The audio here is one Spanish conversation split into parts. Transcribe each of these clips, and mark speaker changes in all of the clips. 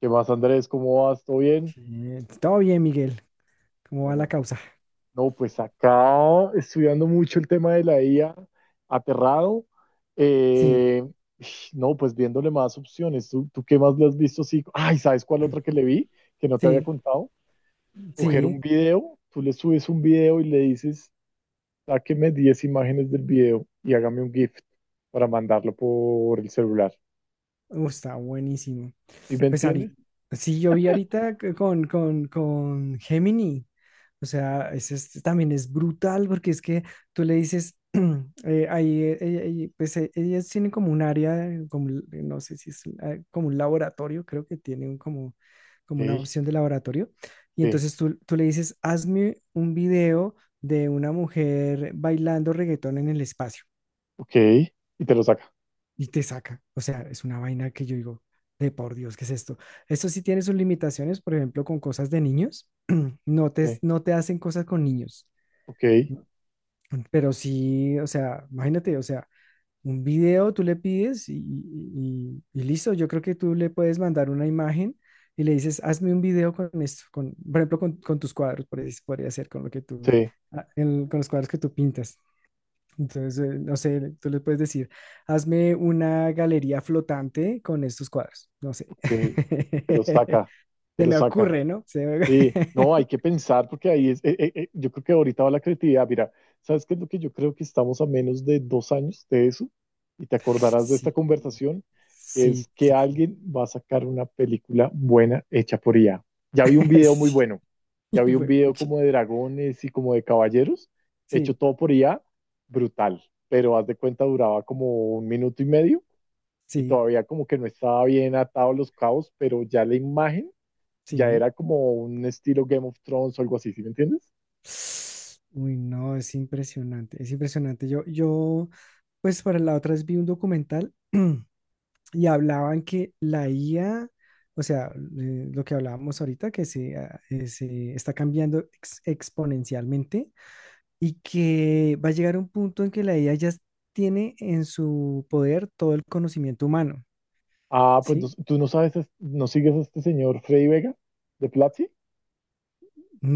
Speaker 1: ¿Qué más, Andrés? ¿Cómo vas? ¿Todo bien?
Speaker 2: Todo bien, Miguel. ¿Cómo va la
Speaker 1: Bueno,
Speaker 2: causa?
Speaker 1: no, pues acá estudiando mucho el tema de la IA, aterrado.
Speaker 2: Sí,
Speaker 1: Eh, no, pues viéndole más opciones. ¿Tú qué más le has visto? Sí. Ay, ¿sabes cuál otra que le vi? Que no te había
Speaker 2: sí,
Speaker 1: contado. Coger un
Speaker 2: sí.
Speaker 1: video, tú le subes un video y le dices, sáqueme 10 imágenes del video y hágame un GIF para mandarlo por el celular.
Speaker 2: Está buenísimo.
Speaker 1: ¿Sí me
Speaker 2: Pues
Speaker 1: entiendes?
Speaker 2: ahorita, sí, yo vi ahorita con Gemini. O sea, también es brutal porque es que tú le dices, ahí, pues ellas tienen como un área, como, no sé si es como un laboratorio, creo que tienen como una
Speaker 1: Sí,
Speaker 2: opción de laboratorio. Y
Speaker 1: sí,
Speaker 2: entonces tú le dices, hazme un video de una mujer bailando reggaetón en el espacio
Speaker 1: ok. Y te lo saca.
Speaker 2: y te saca. O sea, es una vaina que yo digo, de por Dios, ¿qué es esto? Esto sí tiene sus limitaciones, por ejemplo, con cosas de niños. No te,
Speaker 1: Sí,
Speaker 2: no te hacen cosas con niños.
Speaker 1: ok,
Speaker 2: Pero sí, o sea, imagínate, o sea, un video tú le pides y listo. Yo creo que tú le puedes mandar una imagen y le dices, hazme un video con esto, con, por ejemplo, con tus cuadros, por ahí podría ser con lo que tú,
Speaker 1: sí.
Speaker 2: con los cuadros que tú pintas. Entonces, no sé, tú le puedes decir, hazme una galería flotante con estos cuadros. No sé.
Speaker 1: Ok, te lo saca, te
Speaker 2: Se
Speaker 1: lo
Speaker 2: me
Speaker 1: saca.
Speaker 2: ocurre, ¿no?
Speaker 1: Sí, no, hay que pensar porque ahí es, yo creo que ahorita va la creatividad. Mira, ¿sabes qué es lo que yo creo que estamos a menos de 2 años de eso? Y te acordarás de esta
Speaker 2: Sí,
Speaker 1: conversación,
Speaker 2: sí,
Speaker 1: es que
Speaker 2: sí, sí.
Speaker 1: alguien va a sacar una película buena hecha por IA. Ya vi un video muy
Speaker 2: Sí,
Speaker 1: bueno, ya
Speaker 2: y
Speaker 1: vi un
Speaker 2: fue,
Speaker 1: video
Speaker 2: pucha.
Speaker 1: como de dragones y como de caballeros, hecho
Speaker 2: Sí,
Speaker 1: todo por IA, brutal, pero haz de cuenta duraba como un minuto y medio y
Speaker 2: sí,
Speaker 1: todavía como que no estaba bien atado los cabos, pero ya la imagen ya
Speaker 2: sí.
Speaker 1: era como un estilo Game of Thrones o algo así, ¿sí me entiendes?
Speaker 2: Uy, no, es impresionante, es impresionante. Pues para la otra vez vi un documental. Y hablaban que la IA, o sea, lo que hablábamos ahorita, se está cambiando exponencialmente y que va a llegar un punto en que la IA ya tiene en su poder todo el conocimiento humano,
Speaker 1: Ah, pues
Speaker 2: ¿sí?
Speaker 1: tú no sabes, no sigues a este señor Freddy Vega de Platzi.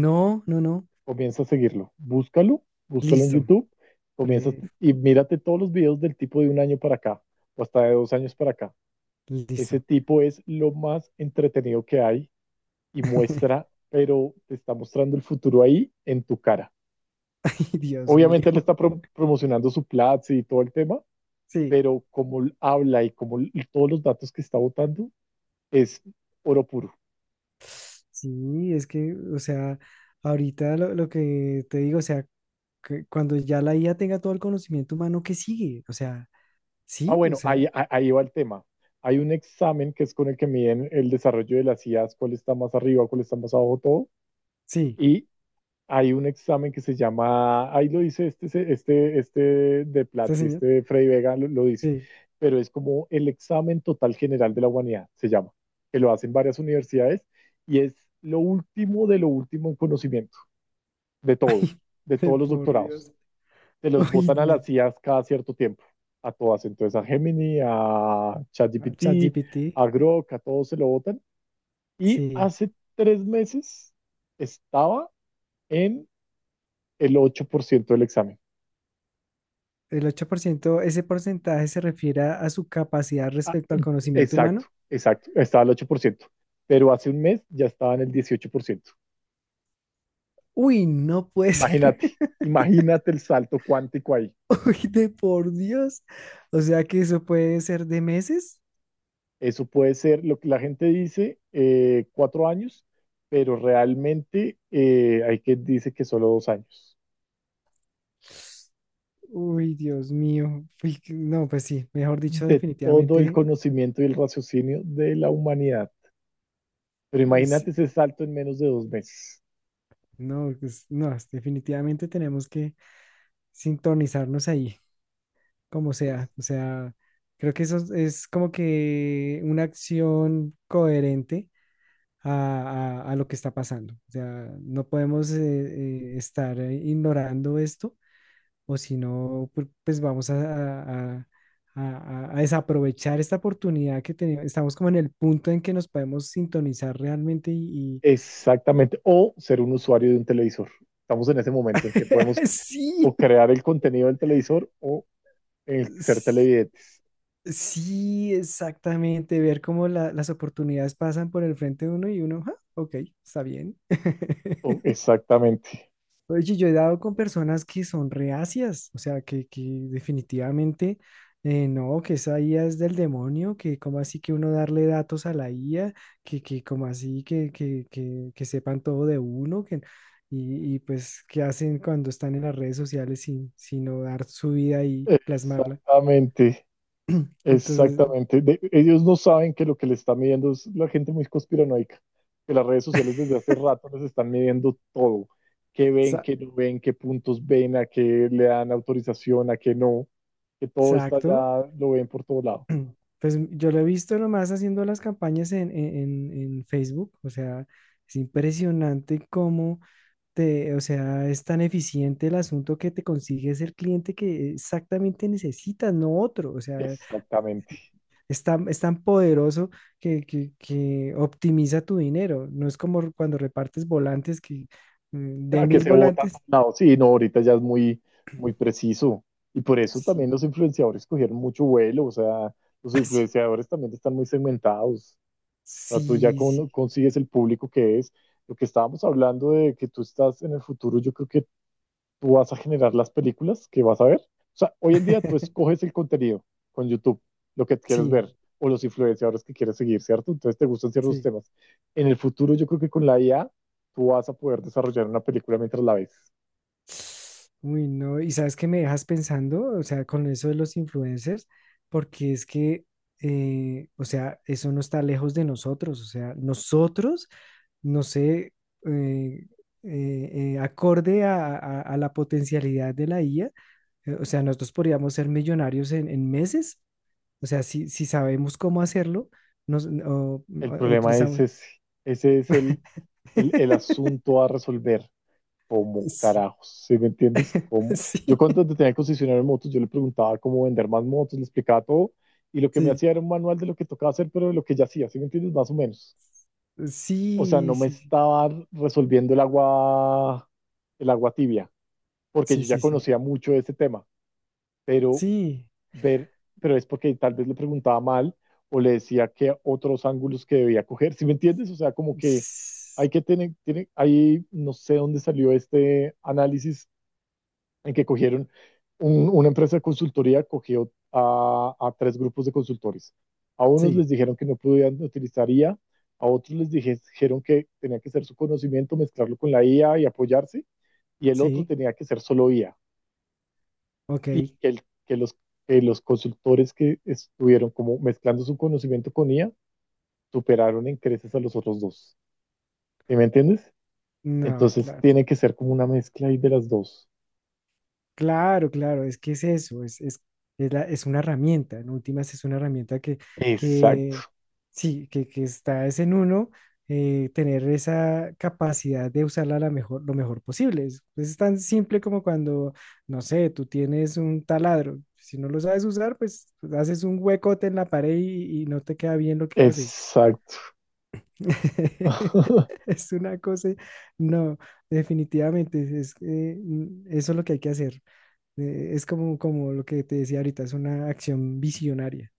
Speaker 2: No, no, no.
Speaker 1: Comienza a seguirlo, búscalo, búscalo en
Speaker 2: Listo.
Speaker 1: YouTube, comienza a-
Speaker 2: Fre-
Speaker 1: y mírate todos los videos del tipo de un año para acá o hasta de 2 años para acá. Ese
Speaker 2: Listo.
Speaker 1: tipo es lo más entretenido que hay y muestra, pero te está mostrando el futuro ahí en tu cara.
Speaker 2: Ay, Dios
Speaker 1: Obviamente
Speaker 2: mío.
Speaker 1: él está promocionando su Platzi y todo el tema,
Speaker 2: Sí,
Speaker 1: pero como habla y como todos los datos que está votando es oro puro.
Speaker 2: sí, es que, o sea, ahorita lo que te digo, o sea, que cuando ya la IA tenga todo el conocimiento humano, ¿qué sigue?
Speaker 1: Ah,
Speaker 2: O
Speaker 1: bueno, ahí,
Speaker 2: sea,
Speaker 1: ahí va el tema. Hay un examen que es con el que miden el desarrollo de las IAs, cuál está más arriba, cuál está más abajo, todo.
Speaker 2: sí,
Speaker 1: Y hay un examen que se llama, ahí lo dice este, este de
Speaker 2: este
Speaker 1: Platzi,
Speaker 2: señor,
Speaker 1: este de Freddy Vega lo dice,
Speaker 2: sí.
Speaker 1: pero es como el examen total general de la humanidad, se llama, que lo hacen varias universidades y es lo último de lo último en conocimiento, de todo,
Speaker 2: Ay,
Speaker 1: de
Speaker 2: ay,
Speaker 1: todos los
Speaker 2: por
Speaker 1: doctorados.
Speaker 2: Dios.
Speaker 1: Te los
Speaker 2: Uy,
Speaker 1: botan a las
Speaker 2: no.
Speaker 1: CIAs cada cierto tiempo, a todas, entonces a Gemini, a
Speaker 2: Ah,
Speaker 1: ChatGPT,
Speaker 2: ChatGPT,
Speaker 1: a Grok, a todos se lo botan. Y
Speaker 2: sí.
Speaker 1: hace 3 meses estaba en el 8% del examen.
Speaker 2: El 8%, ese porcentaje se refiere a su capacidad
Speaker 1: Ah,
Speaker 2: respecto al conocimiento humano.
Speaker 1: exacto, exacto. Estaba al 8%, pero hace un mes ya estaba en el 18%.
Speaker 2: Uy, no puede ser.
Speaker 1: Imagínate, imagínate el salto cuántico ahí.
Speaker 2: Uy, de por Dios. O sea que eso puede ser de meses.
Speaker 1: Eso puede ser lo que la gente dice, 4 años, pero realmente hay quien dice que solo 2 años.
Speaker 2: Uy, Dios mío. Uy, no, pues sí, mejor dicho,
Speaker 1: De todo el
Speaker 2: definitivamente,
Speaker 1: conocimiento y el raciocinio de la humanidad. Pero
Speaker 2: pues,
Speaker 1: imagínate ese salto en menos de 2 meses.
Speaker 2: no, pues, no, definitivamente tenemos que sintonizarnos ahí, como
Speaker 1: Pues.
Speaker 2: sea. O sea, creo que eso es como que una acción coherente a lo que está pasando. O sea, no podemos estar ignorando esto o si no, pues vamos a- a- a desaprovechar esta oportunidad que tenemos. Estamos como en el punto en que nos podemos sintonizar realmente.
Speaker 1: Exactamente. O ser un usuario de un televisor. Estamos en ese momento en que podemos
Speaker 2: Sí,
Speaker 1: o crear el contenido del televisor o el ser
Speaker 2: s-
Speaker 1: televidentes.
Speaker 2: sí, exactamente, ver cómo las oportunidades pasan por el frente de uno y uno, "Ah, ok, está bien".
Speaker 1: Oh, exactamente.
Speaker 2: Oye, yo he dado con personas que son reacias, o sea, que definitivamente no, que esa IA es del demonio, que como así que uno darle datos a la IA, que como así que, que sepan todo de uno, que, y pues qué hacen cuando están en las redes sociales sin, sino dar su vida y plasmarla.
Speaker 1: Exactamente.
Speaker 2: Entonces,
Speaker 1: Exactamente. Ellos no saben que lo que les está midiendo es la gente muy conspiranoica. Que las redes sociales desde hace rato les están midiendo todo. Qué ven,
Speaker 2: sa-
Speaker 1: qué no ven, qué puntos ven, a qué le dan autorización, a qué no. Que todo está
Speaker 2: exacto.
Speaker 1: ya, lo ven por todo lado.
Speaker 2: Pues yo lo he visto nomás haciendo las campañas en Facebook, o sea, es impresionante cómo o sea, es tan eficiente el asunto que te consigues el cliente que exactamente necesitas, no otro. O sea,
Speaker 1: Exactamente.
Speaker 2: es tan poderoso que optimiza tu dinero. No es como cuando repartes volantes que de
Speaker 1: Ah, que
Speaker 2: 1.000
Speaker 1: se vota por
Speaker 2: volantes,
Speaker 1: un lado. Sí, no, ahorita ya es muy, muy preciso. Y por eso también
Speaker 2: sí,
Speaker 1: los influenciadores cogieron mucho vuelo. O sea, los
Speaker 2: así.
Speaker 1: influenciadores también están muy segmentados. O sea, tú ya
Speaker 2: Sí, sí.
Speaker 1: consigues el público que es. Lo que estábamos hablando de que tú estás en el futuro, yo creo que tú vas a generar las películas que vas a ver. O sea, hoy en día tú escoges el contenido con YouTube, lo que quieres
Speaker 2: Sí,
Speaker 1: ver, o los influenciadores que quieres seguir, ¿cierto? Entonces te gustan ciertos
Speaker 2: sí.
Speaker 1: temas. En el futuro, yo creo que con la IA, tú vas a poder desarrollar una película mientras la ves.
Speaker 2: Uy, no, y sabes que me dejas pensando, o sea, con eso de los influencers, porque es que, o sea, eso no está lejos de nosotros, o sea, nosotros, no sé, eh, eh, acorde a la potencialidad de la IA, o sea, nosotros podríamos ser millonarios en meses, o sea, si sabemos cómo hacerlo,
Speaker 1: El problema es
Speaker 2: utilizamos.
Speaker 1: ese. Ese es el asunto a resolver. Como
Speaker 2: Sí,
Speaker 1: carajos, ¿sí me entiendes? Como Yo
Speaker 2: sí,
Speaker 1: cuando tenía el concesionario de motos, yo le preguntaba cómo vender más motos, le explicaba todo, y lo que me
Speaker 2: sí,
Speaker 1: hacía era un manual de lo que tocaba hacer, pero de lo que ya hacía, ¿sí me entiendes? Más o menos. O sea, no
Speaker 2: sí,
Speaker 1: me
Speaker 2: sí,
Speaker 1: estaba resolviendo el agua tibia, porque
Speaker 2: sí,
Speaker 1: yo ya
Speaker 2: sí, sí.
Speaker 1: conocía mucho de este tema, pero
Speaker 2: Sí.
Speaker 1: ver, pero es porque tal vez le preguntaba mal o le decía que otros ángulos que debía coger, ¿sí me entiendes? O sea, como que hay
Speaker 2: s-
Speaker 1: que tener, tiene, ahí no sé dónde salió este análisis en que cogieron una empresa de consultoría, cogió a tres grupos de consultores. A unos
Speaker 2: Sí,
Speaker 1: les dijeron que no podían utilizar IA, a otros les dijeron que tenía que ser su conocimiento, mezclarlo con la IA y apoyarse, y el otro
Speaker 2: sí.
Speaker 1: tenía que ser solo IA
Speaker 2: Ok.
Speaker 1: y que, que los consultores que estuvieron como mezclando su conocimiento con IA superaron en creces a los otros dos. ¿Sí me entiendes?
Speaker 2: No,
Speaker 1: Entonces
Speaker 2: claro.
Speaker 1: tiene que ser como una mezcla ahí de las dos.
Speaker 2: Claro, claro. Es que es eso. Es es una herramienta. En últimas es una herramienta que
Speaker 1: Exacto,
Speaker 2: sí, que está es en uno tener esa capacidad de usarla la mejor, lo mejor posible. Pues, es tan simple como cuando, no sé, tú tienes un taladro. Si no lo sabes usar, pues haces un huecote en la pared y no te queda bien lo que haces.
Speaker 1: exacto.
Speaker 2: Es una cosa, no, definitivamente, eso es lo que hay que hacer. Es como lo que te decía ahorita, es una acción visionaria.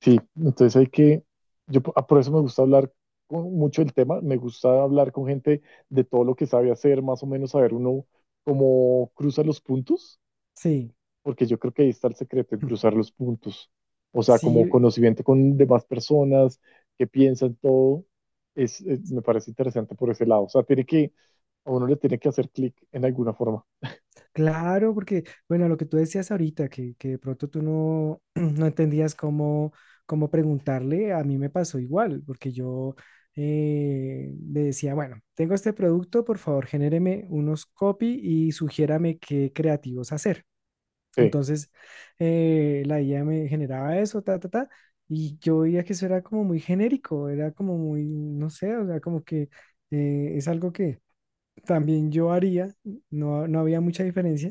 Speaker 1: Sí, entonces hay que, ah, por eso me gusta hablar mucho el tema, me gusta hablar con gente de todo lo que sabe hacer, más o menos saber uno cómo cruza los puntos
Speaker 2: Sí,
Speaker 1: porque yo creo que ahí está el secreto, en
Speaker 2: mm,
Speaker 1: cruzar los puntos. O sea, como
Speaker 2: sí,
Speaker 1: conocimiento con demás personas que piensan todo, me parece interesante por ese lado. O sea, tiene que, a uno le tiene que hacer clic en alguna forma.
Speaker 2: claro, porque, bueno, lo que tú decías ahorita, que de pronto tú no, no entendías cómo preguntarle, a mí me pasó igual, porque yo le decía, bueno, tengo este producto, por favor, genéreme unos copy y sugiérame qué creativos hacer.
Speaker 1: Sí,
Speaker 2: Entonces, la IA me generaba eso, ta, ta, ta, y yo veía que eso era como muy genérico, era como muy, no sé, o sea, como que es algo que también yo haría, no, no había mucha diferencia.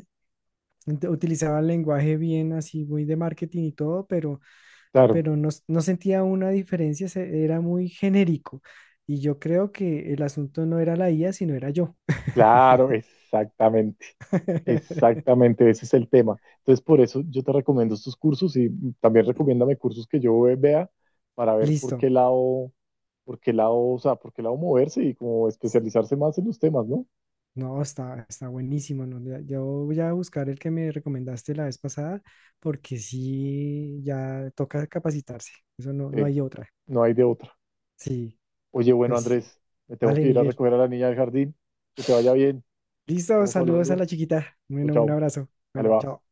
Speaker 2: Utilizaba el lenguaje bien así, muy de marketing y todo, pero,
Speaker 1: claro,
Speaker 2: pero no, no sentía una diferencia, era muy genérico. Y yo creo que el asunto no era la IA, sino era yo.
Speaker 1: claro, exactamente. Exactamente, ese es el tema. Entonces, por eso yo te recomiendo estos cursos y también recomiéndame cursos que yo vea para ver
Speaker 2: Listo.
Speaker 1: por qué lado, o sea, por qué lado moverse y como especializarse más en los temas, ¿no?
Speaker 2: No, está buenísimo, ¿no? Yo voy a buscar el que me recomendaste la vez pasada, porque sí, ya toca capacitarse. Eso no
Speaker 1: Sí,
Speaker 2: hay otra.
Speaker 1: no hay de otra.
Speaker 2: Sí,
Speaker 1: Oye, bueno,
Speaker 2: pues sí.
Speaker 1: Andrés, me tengo
Speaker 2: Vale,
Speaker 1: que ir a
Speaker 2: Miguel.
Speaker 1: recoger a la niña del jardín. Que te vaya bien.
Speaker 2: Listo,
Speaker 1: Estamos
Speaker 2: saludos a
Speaker 1: hablando.
Speaker 2: la chiquita.
Speaker 1: Chao,
Speaker 2: Bueno, un
Speaker 1: chao.
Speaker 2: abrazo.
Speaker 1: Dale,
Speaker 2: Bueno, chao.
Speaker 1: va.